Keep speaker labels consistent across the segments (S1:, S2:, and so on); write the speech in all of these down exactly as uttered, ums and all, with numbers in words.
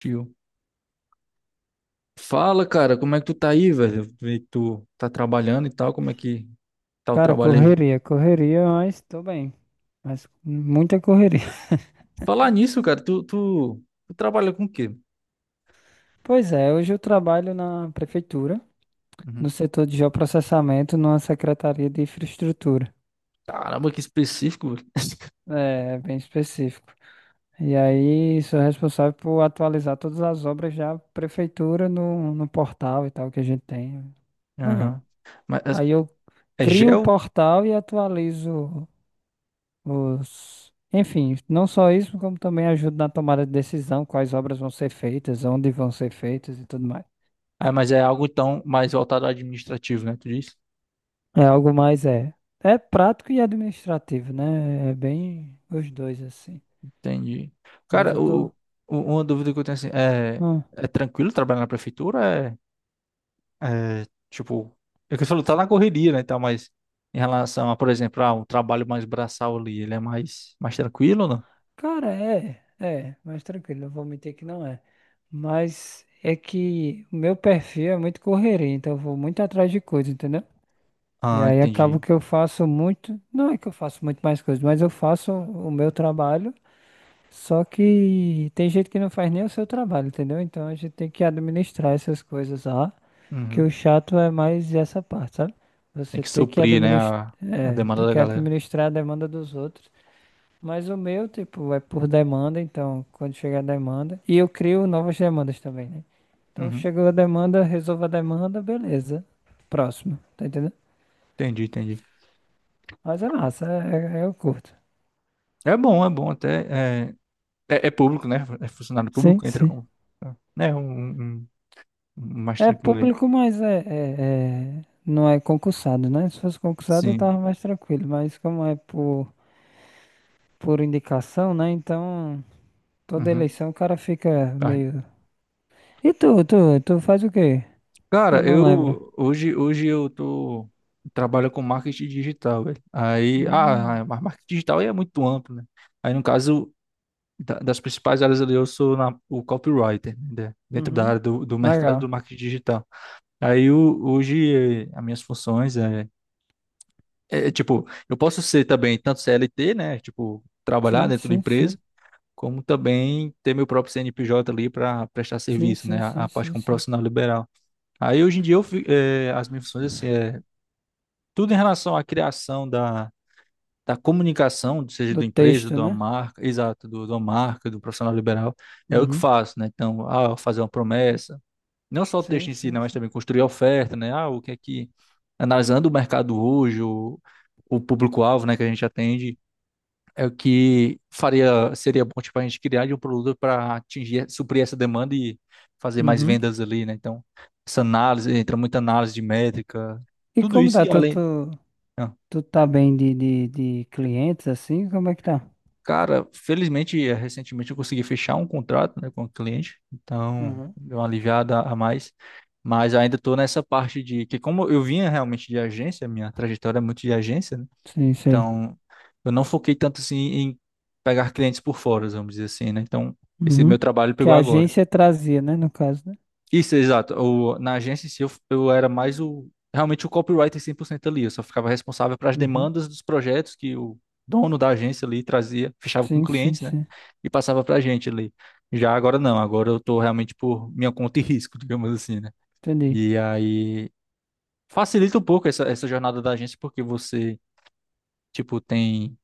S1: Tio. Fala, cara, como é que tu tá aí, velho? Eu vi que tu tá trabalhando e tal, como é que tá o
S2: Cara,
S1: trabalho aí?
S2: correria, correria, mas tô bem. Mas muita correria.
S1: Falar nisso, cara, tu, tu, tu trabalha com o quê?
S2: Pois é, hoje eu trabalho na prefeitura,
S1: Uhum.
S2: no setor de geoprocessamento, numa secretaria de infraestrutura.
S1: Caramba, que específico, velho.
S2: É, bem específico. E aí, sou responsável por atualizar todas as obras da prefeitura no, no portal e tal que a gente tem. Legal.
S1: Aham. Mas
S2: Aí eu
S1: é é
S2: crio o
S1: gel?
S2: portal e atualizo os... Enfim, não só isso, como também ajuda na tomada de decisão, quais obras vão ser feitas, onde vão ser feitas e tudo mais.
S1: Ah, mas é algo então mais voltado ao administrativo, né? Tu disse?
S2: É algo mais, é, é prático e administrativo, né? É bem os dois, assim.
S1: Entendi.
S2: Mas
S1: Cara,
S2: eu tô...
S1: o, o- uma dúvida que eu tenho assim, é,
S2: hum,
S1: é tranquilo trabalhar na prefeitura? É, É, tipo, é que você falou, tá na correria, né, e tal, mas em relação a, por exemplo, ah, um trabalho mais braçal ali, ele é mais, mais tranquilo, ou não?
S2: Cara, é, é, mas tranquilo, não vou mentir que não é. Mas é que o meu perfil é muito correria, então eu vou muito atrás de coisa, entendeu? E
S1: Ah,
S2: aí acabo
S1: entendi.
S2: que eu faço muito, não é que eu faço muito mais coisas, mas eu faço o meu trabalho. Só que tem gente que não faz nem o seu trabalho, entendeu? Então a gente tem que administrar essas coisas lá, que
S1: Uhum.
S2: o chato é mais essa parte, sabe?
S1: Tem
S2: Você
S1: que
S2: tem que
S1: suprir, né,
S2: administrar,
S1: a, a
S2: é,
S1: demanda
S2: tem
S1: da
S2: que
S1: galera.
S2: administrar a demanda dos outros. Mas o meu, tipo, é por demanda, então quando chegar a demanda, e eu crio novas demandas também, né? Então
S1: Uhum.
S2: chegou a demanda, resolvo a demanda, beleza. Próximo, tá entendendo?
S1: Entendi, entendi.
S2: Mas é massa, é, é, eu curto.
S1: É bom, é bom até. É, é, é público, né? É funcionário
S2: Sim,
S1: público, entra
S2: sim.
S1: como. é, Né, um, um, um um mais
S2: É
S1: tranquilo aí.
S2: público, mas é, é- é- não é concursado, né? Se fosse concursado, eu
S1: Sim.
S2: tava mais tranquilo. Mas como é por, por indicação, né? Então, toda
S1: Uhum.
S2: eleição o cara fica
S1: Ah,
S2: meio. E tu, tu, tu faz o quê? Eu
S1: cara,
S2: não lembro.
S1: eu hoje, hoje eu tô trabalho com marketing digital, velho. Aí, ah,
S2: Hum,
S1: mas marketing digital aí é muito amplo, né? Aí no caso da- das principais áreas ali eu sou na, o copywriter, né? Dentro da
S2: uhum.
S1: área do, do mercado
S2: Legal.
S1: do marketing digital. Aí o- hoje eh, as minhas funções é, é é, tipo, eu posso ser também tanto C L T, né? Tipo, trabalhar
S2: Sim,
S1: dentro da
S2: sim, sim.
S1: empresa, como também ter meu próprio C N P J ali para prestar
S2: Sim,
S1: serviço,
S2: sim,
S1: né? A,
S2: sim,
S1: a parte
S2: sim,
S1: como
S2: sim.
S1: profissional liberal. Aí hoje em dia eu, fi- eh, as minhas funções assim é tudo em relação à criação da, da comunicação, seja
S2: Do
S1: da empresa,
S2: texto,
S1: de uma
S2: né?
S1: marca, exato, do, de uma marca, do profissional liberal, é o que
S2: Uhum.
S1: faço, né? Então, ah, fazer uma promessa, não só o texto
S2: Sim,
S1: em si, né,
S2: sim,
S1: mas
S2: sim.
S1: também construir a oferta, né? Ah, o que é que analisando o mercado hoje, o, o público-alvo, né, que a gente atende, é o que faria, seria bom, tipo, a gente criar de um produto para atingir, suprir essa demanda e fazer mais
S2: Uhum.
S1: vendas ali, né? Então, essa análise, entra muita análise de métrica,
S2: E
S1: tudo
S2: como
S1: isso
S2: tá?
S1: e
S2: Tu,
S1: além.
S2: tu,
S1: Ah,
S2: tu tá bem de, de, de clientes, assim? Como é que tá?
S1: cara, felizmente, eh, recentemente eu consegui fechar um contrato, né, com o cliente, então
S2: Uhum.
S1: deu uma aliviada a mais, mas ainda estou nessa parte de que, como eu vinha realmente de agência, minha trajetória é muito de agência, né?
S2: Sim, sim.
S1: Então, eu não foquei tanto assim em pegar clientes por fora, vamos dizer assim, né? Então, esse
S2: Uhum.
S1: meu trabalho
S2: Que
S1: pegou
S2: a
S1: agora.
S2: agência trazia, né? No caso, né?
S1: Isso, exato. O, na agência em si, eu, eu era mais o, realmente o copywriter cem por cento ali. Eu só ficava responsável para as
S2: Uhum.
S1: demandas dos projetos que o dono da agência ali trazia, fechava com
S2: Sim, sim,
S1: clientes, né?
S2: sim.
S1: E passava para a gente ali. Já agora não, agora eu tô realmente por minha conta e risco, digamos assim, né?
S2: Entendi.
S1: E aí facilita um pouco essa, essa jornada da agência, porque você, tipo, tem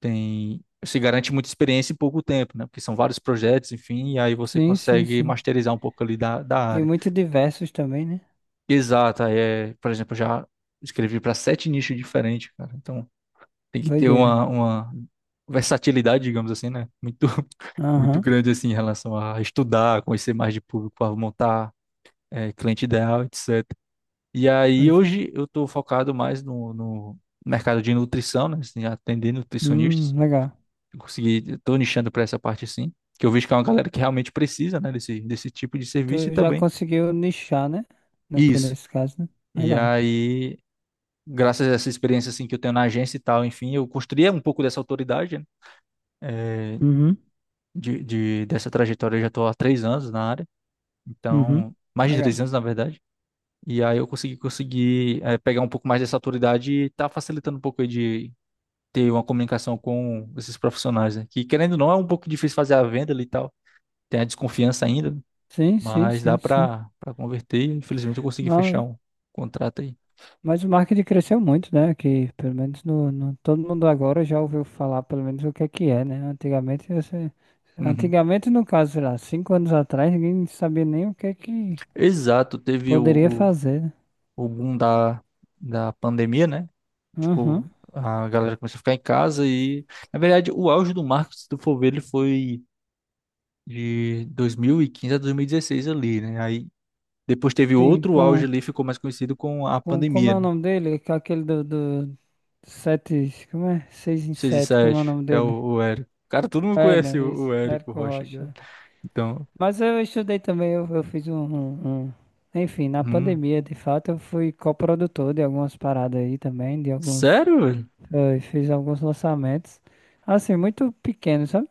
S1: tem se garante muita experiência em pouco tempo, né? Porque são vários projetos, enfim, e aí você
S2: Sim, sim,
S1: consegue
S2: sim.
S1: masterizar um pouco ali da, da
S2: E
S1: área.
S2: muito diversos também, né?
S1: Exata, é, por exemplo, eu já escrevi para sete nichos diferentes, cara. Então tem que ter
S2: Doideira.
S1: uma, uma, versatilidade, digamos assim, né? Muito, muito
S2: Aham.
S1: grande assim em relação a estudar, conhecer mais de público, a montar é, cliente ideal, et cetera. E aí
S2: Pois é.
S1: hoje eu estou focado mais no, no mercado de nutrição, né? Assim, atender nutricionistas.
S2: Hum, legal.
S1: Eu consegui, estou nichando para essa parte sim, que eu vejo que é uma galera que realmente precisa, né, desse, desse tipo de serviço
S2: Tu
S1: e
S2: já
S1: também
S2: conseguiu nichar, né? No, ca-
S1: isso.
S2: Nesse caso, né?
S1: E
S2: Legal.
S1: aí, graças a essa experiência assim que eu tenho na agência e tal, enfim, eu construí um pouco dessa autoridade, né, eh,
S2: Uhum.
S1: de, de- dessa trajetória. Eu já estou há três anos na área,
S2: Uhum.
S1: então mais de três
S2: Legal.
S1: anos na verdade. E aí eu consegui consegui eh, pegar um pouco mais dessa autoridade e tá facilitando um pouco aí de ter uma comunicação com esses profissionais, né, que querendo ou não é um pouco difícil fazer a venda ali e tal. Tem a desconfiança ainda, né,
S2: Sim, sim,
S1: mas dá
S2: sim, sim.
S1: pra para converter. E, infelizmente eu consegui fechar um contrato aí.
S2: Mas o marketing cresceu muito, né? Que pelo menos no, no- todo mundo agora já ouviu falar, pelo menos o que é que é, né? Antigamente você,
S1: Uhum.
S2: antigamente no caso, sei lá, cinco anos atrás, ninguém sabia nem o que é que
S1: Exato, teve
S2: poderia
S1: o,
S2: fazer, né?
S1: o, o boom da, da pandemia, né?
S2: Aham.
S1: Tipo, a galera começou a ficar em casa e, na verdade, o auge do marketing, se tu for ver, ele foi de dois mil e quinze a dois mil e dezesseis ali, né? Aí depois teve
S2: Sim,
S1: outro auge
S2: com,
S1: ali, ficou mais conhecido com a
S2: com como
S1: pandemia,
S2: é o
S1: né?
S2: nome dele? Com aquele do, do sete, como é? Seis em
S1: Seis e
S2: sete, como é o
S1: sete
S2: nome
S1: que é
S2: dele?
S1: o, o Érico. Cara, todo mundo
S2: Hélio,
S1: conhece o,
S2: isso,
S1: o Érico
S2: Érico
S1: Rocha, cara.
S2: Rocha.
S1: Então,
S2: Mas eu estudei também, eu, eu fiz um, um- um- Enfim, na
S1: hum.
S2: pandemia, de fato, eu fui coprodutor de algumas paradas aí também, de alguns.
S1: Sério, velho?
S2: eh, fiz alguns lançamentos. Assim, muito pequeno, sabe?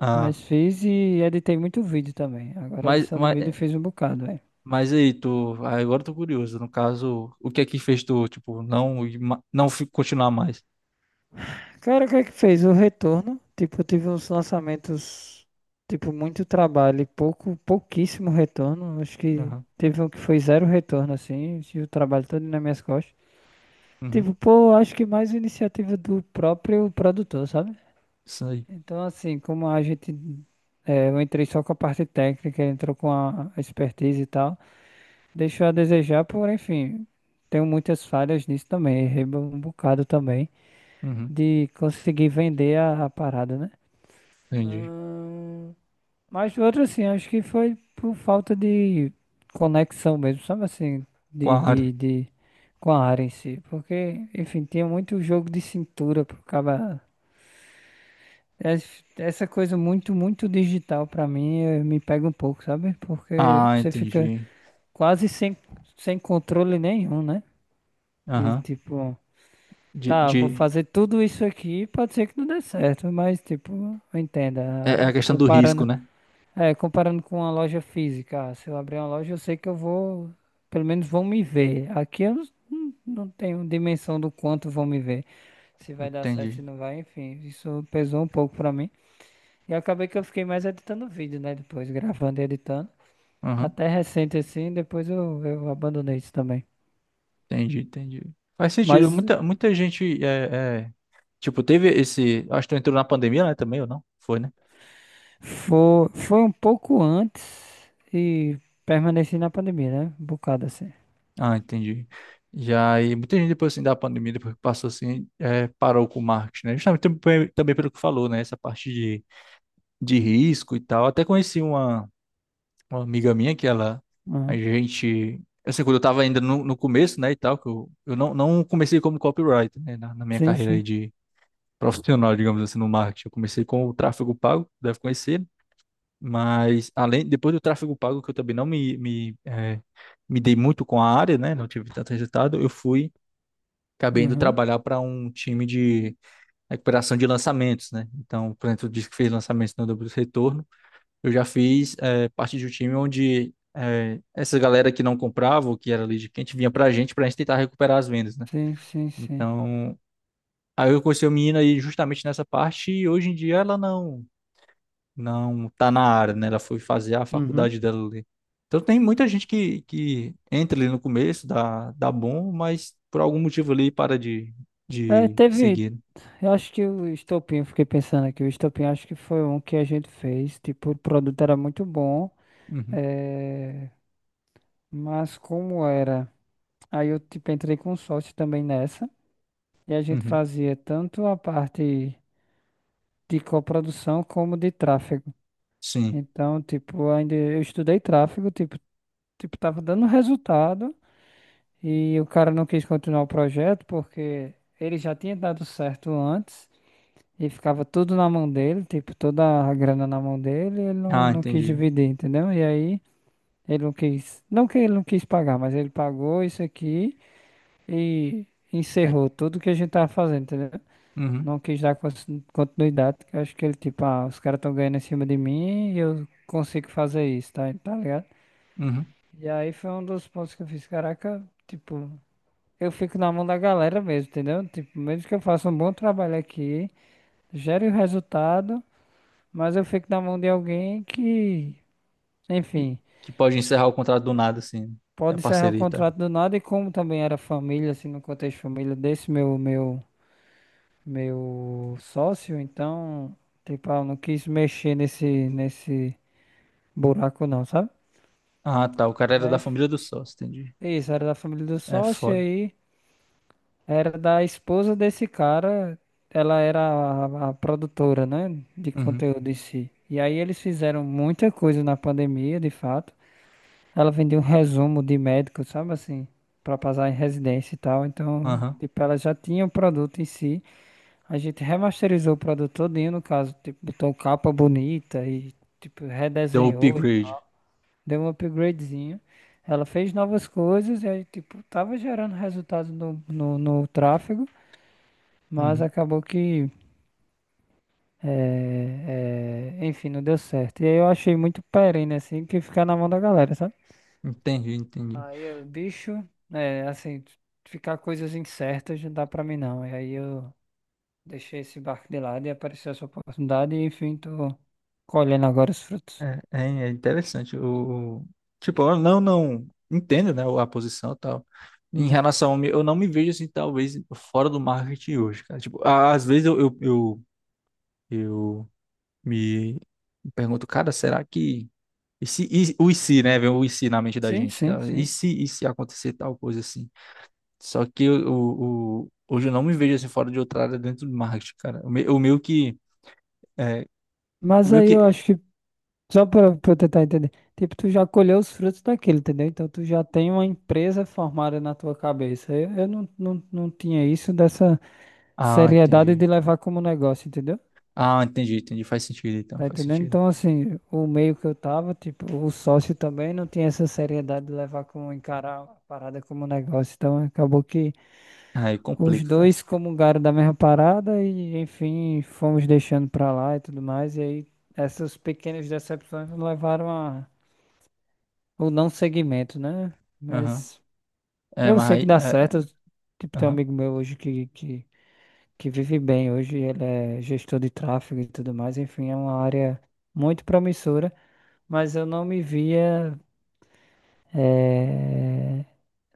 S1: Ah.
S2: Mas fiz e editei muito vídeo também. Agora,
S1: Mas,
S2: edição de
S1: mas
S2: vídeo eu fiz um bocado, velho.
S1: Mas aí, tu, ah, agora eu tô curioso. No caso, o que é que fez tu, tipo, não, ir ma- não fi- continuar mais?
S2: Cara, o que é que fez? O retorno. Tipo, eu tive uns lançamentos. Tipo, muito trabalho e pouco, pouquíssimo retorno. Acho que
S1: Aham,
S2: teve um que foi zero retorno, assim, e o trabalho todo nas minhas costas.
S1: uhum,
S2: Tipo, pô, acho que mais iniciativa do próprio produtor, sabe?
S1: isso aí.
S2: Então, assim, como a gente. é, eu entrei só com a parte técnica, ele entrou com a a expertise e tal. Deixou a desejar, por enfim, tenho muitas falhas nisso também. Errei um bocado também
S1: Uhum,
S2: de conseguir vender a, a parada, né?
S1: entendi.
S2: Mas outro assim, acho que foi por falta de conexão mesmo, sabe assim,
S1: Qual
S2: de,
S1: a área?
S2: de, de com a área em si. Porque, enfim, tinha muito jogo de cintura pro cara. Es- Essa coisa muito, muito digital pra mim, eh, me pega um pouco, sabe? Porque
S1: Ah,
S2: você fica
S1: entendi.
S2: quase sem, sem controle nenhum, né? De
S1: Aham.
S2: tipo,
S1: De,
S2: tá, vou
S1: de...
S2: fazer tudo isso aqui, pode ser que não dê certo, mas tipo,
S1: É é a
S2: entenda,
S1: questão do risco,
S2: comparando
S1: né?
S2: É, comparando com uma loja física, ah, se eu abrir uma loja, eu sei que eu vou, pelo menos vão me ver. Aqui eu não, não tenho dimensão do quanto vão me ver, se vai dar certo, se
S1: Entendi.
S2: não vai, enfim, isso pesou um pouco pra mim. E acabei que eu fiquei mais editando vídeo, né, depois, gravando e editando.
S1: Aham,
S2: Até recente assim, depois eu, eu abandonei isso também.
S1: entendi, entendi. Faz sentido.
S2: Mas
S1: Muita, muita gente é, é, Tipo, teve esse. Acho que tu entrou na pandemia, né? Também, ou não? Foi, né?
S2: foi, foi um pouco antes e permaneci na pandemia, né, um bocado assim.
S1: Ah, entendi. Já e muita gente depois assim da pandemia, depois que passou assim, eh, parou com o marketing, né? Justamente também, também pelo que falou, né? Essa parte de, de risco e tal. Até conheci uma, uma amiga minha que ela, a
S2: Uhum.
S1: gente, assim, quando eu tava ainda no, no começo, né, e tal, que eu, eu não, não comecei como copywriter, né, na, na minha
S2: Sim,
S1: carreira
S2: sim.
S1: aí de profissional, digamos assim, no marketing. Eu comecei com o tráfego pago, deve conhecer, mas além, depois do tráfego pago, que eu também não me, me, eh, me dei muito com a área, né? Não tive tanto resultado, eu fui acabei indo
S2: Uhum.
S1: trabalhar para um time de recuperação de lançamentos, né? Então, por exemplo, disse que fez lançamentos no dobro do retorno. Eu já fiz eh, parte de um time onde eh, essa galera que não comprava, ou que era lead quente, vinha para a gente, para a gente tentar recuperar as vendas, né?
S2: Sim, sim, sim.
S1: Então, aí eu conheci a menina aí justamente nessa parte e hoje em dia ela não, não tá na área, né? Ela foi fazer a
S2: Uhum.
S1: faculdade dela ali. Então tem muita gente que, que entra ali no começo, dá, dá bom, mas por algum motivo ali para de,
S2: É,
S1: de
S2: teve.
S1: seguir, né?
S2: Eu acho que o estopim, eu fiquei pensando aqui, o estopim acho que foi um que a gente fez. Tipo, o produto era muito bom,
S1: Uhum,
S2: é, mas como era? Aí eu tipo, entrei com sócio também nessa, e a gente
S1: uhum,
S2: fazia tanto a parte de coprodução como de tráfego.
S1: sim.
S2: Então, tipo, ainda eu estudei tráfego, tipo, tipo, tava dando resultado, e o cara não quis continuar o projeto porque ele já tinha dado certo antes. E ficava tudo na mão dele, tipo, toda a grana na mão dele, e ele não,
S1: Ah,
S2: não quis
S1: entendi.
S2: dividir, entendeu? E aí ele não quis, não que ele não quis pagar, mas ele pagou isso aqui e
S1: Aí,
S2: encerrou tudo que a gente tava fazendo, entendeu?
S1: uhum,
S2: Não quis dar cons- continuidade, porque eu acho que ele, tipo, ah, os caras estão ganhando em cima de mim e eu consigo fazer isso, tá, tá ligado?
S1: uhum.
S2: E aí foi um dos pontos que eu fiz, caraca, tipo, eu fico na mão da galera mesmo, entendeu? Tipo, mesmo que eu faça um bom trabalho aqui, gere o resultado. Mas eu fico na mão de alguém que,
S1: Que,
S2: enfim,
S1: que pode encerrar o contrato do nada, assim, né. A
S2: pode encerrar o
S1: parceria, tá?
S2: contrato do nada e como também era família, assim, no contexto família desse meu meu meu sócio, então, tipo, ah, eu não quis mexer nesse nesse buraco não, sabe?
S1: Ah, tá. O cara
S2: E
S1: era
S2: aí,
S1: da
S2: f-
S1: família do sócio, entendi.
S2: isso, era da família do
S1: É
S2: sócio, e
S1: foda.
S2: aí era da esposa desse cara, ela era a, a produtora, né, de
S1: Uhum,
S2: conteúdo em si. E aí eles fizeram muita coisa na pandemia, de fato. Ela vendia um resumo de médico, sabe assim, pra passar em residência e tal. Então,
S1: aham.
S2: tipo, ela já tinha o produto em si. A gente remasterizou o produto todinho, no caso, tipo, botou capa bonita e tipo
S1: Deu o
S2: redesenhou e
S1: upgrade.
S2: tal. Deu um upgradezinho. Ela fez novas coisas e aí, tipo, tava gerando resultado no, no, no tráfego, mas
S1: Uhum.
S2: acabou que, eh, eh, enfim, não deu certo. E aí eu achei muito perene, assim, que ficar na mão da galera, sabe?
S1: Entendi, entendi.
S2: Aí eu, bicho, é assim, ficar coisas incertas não dá pra mim não. E aí eu deixei esse barco de lado e apareceu essa oportunidade e enfim, tô colhendo agora os frutos.
S1: É, é, é interessante. O, o- tipo, eu não, não entendo, né, a posição e tal. Em
S2: Uhum.
S1: relação, ao me- eu não me vejo assim, talvez, fora do marketing hoje, cara. Tipo, a- às vezes eu, eu, eu, eu me pergunto, cara, será que E se, e- o e se, né? Vem o e se na mente da
S2: Sim,
S1: gente.
S2: sim,
S1: Tá? E
S2: sim.
S1: se, e se acontecer tal coisa assim? Só que eu, o, o- hoje eu não me vejo assim fora de outra área dentro do marketing, cara. O, me, o meu que. É, o
S2: Mas
S1: meu
S2: aí
S1: que.
S2: eu acho que, só pra, pra eu tentar entender, tipo, tu já colheu os frutos daquilo, entendeu? Então tu já tem uma empresa formada na tua cabeça. Eu, eu não, não, não tinha isso dessa
S1: Ah,
S2: seriedade
S1: entendi.
S2: de levar como negócio, entendeu?
S1: Ah, entendi, entendi. Faz sentido então,
S2: Tá
S1: faz
S2: entendendo?
S1: sentido.
S2: Então, assim, o meio que eu tava, tipo, o sócio também não tinha essa seriedade de levar como encarar a parada como negócio. Então, acabou que
S1: Aí
S2: os
S1: complica, cara.
S2: dois comungaram da mesma parada e, enfim, fomos deixando pra lá e tudo mais. E aí, essas pequenas decepções nos levaram a o não seguimento, né?
S1: Aham.
S2: Mas
S1: É,
S2: eu
S1: mas
S2: sei que
S1: aí.
S2: dá
S1: é,
S2: certo. Tipo,
S1: é,
S2: tem um
S1: Aham.
S2: amigo meu hoje que, que, que vive bem hoje, ele é gestor de tráfego e tudo mais. Enfim, é uma área muito promissora. mas eu não me via, eh,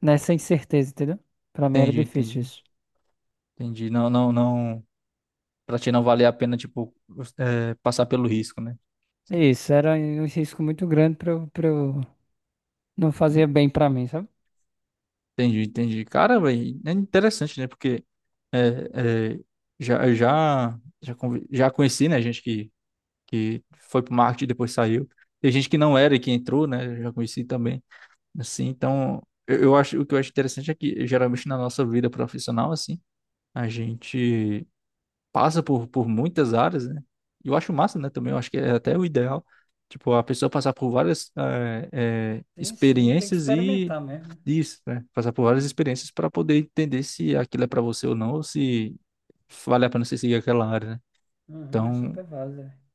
S2: nessa incerteza, entendeu? Pra mim era
S1: Entendi,
S2: difícil
S1: entendi.
S2: isso.
S1: Entendi. Não, não, não. Pra ti não valer a pena, tipo, é, passar pelo risco, né?
S2: É isso, era um risco muito grande pra eu, pra eu... Não fazia bem pra mim, sabe?
S1: Entendi, entendi. Cara, e é interessante, né? Porque é, é, já, já, já, convi- já conheci, né? Gente que, que foi pro marketing e depois saiu. Tem gente que não era e que entrou, né? Eu já conheci também. Assim, então, eu, eu acho, o que eu acho interessante é que geralmente na nossa vida profissional, assim, a gente passa por, por muitas áreas, né? E eu acho massa, né? Também eu acho que é até o ideal. Tipo, a pessoa passar por várias eh, eh,
S2: Sim, sim, tem que
S1: experiências e
S2: experimentar mesmo.
S1: isso, né? Passar por várias experiências para poder entender se aquilo é para você ou não, ou se vale a pena você seguir aquela área, né?
S2: Uhum, é
S1: Então,
S2: super válido, velho.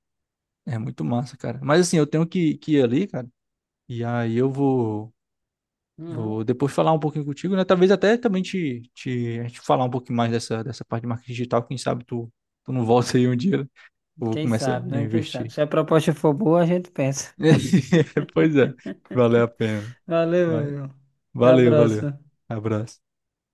S1: é muito massa, cara. Mas assim, eu tenho que, que ir ali, cara. E aí eu vou,
S2: Uhum.
S1: vou depois falar um pouquinho contigo, né? Talvez até também te, te, a gente falar um pouquinho mais dessa, dessa parte de marketing digital. Quem sabe tu, tu não volta aí um dia, né? Eu vou
S2: Quem
S1: começar
S2: sabe,
S1: a
S2: né? Quem sabe.
S1: investir.
S2: Se a proposta for boa, a gente pensa.
S1: Pois é, valeu a pena.
S2: Valeu,
S1: Mas
S2: meu. Até a
S1: valeu, valeu.
S2: próxima.
S1: Abraço.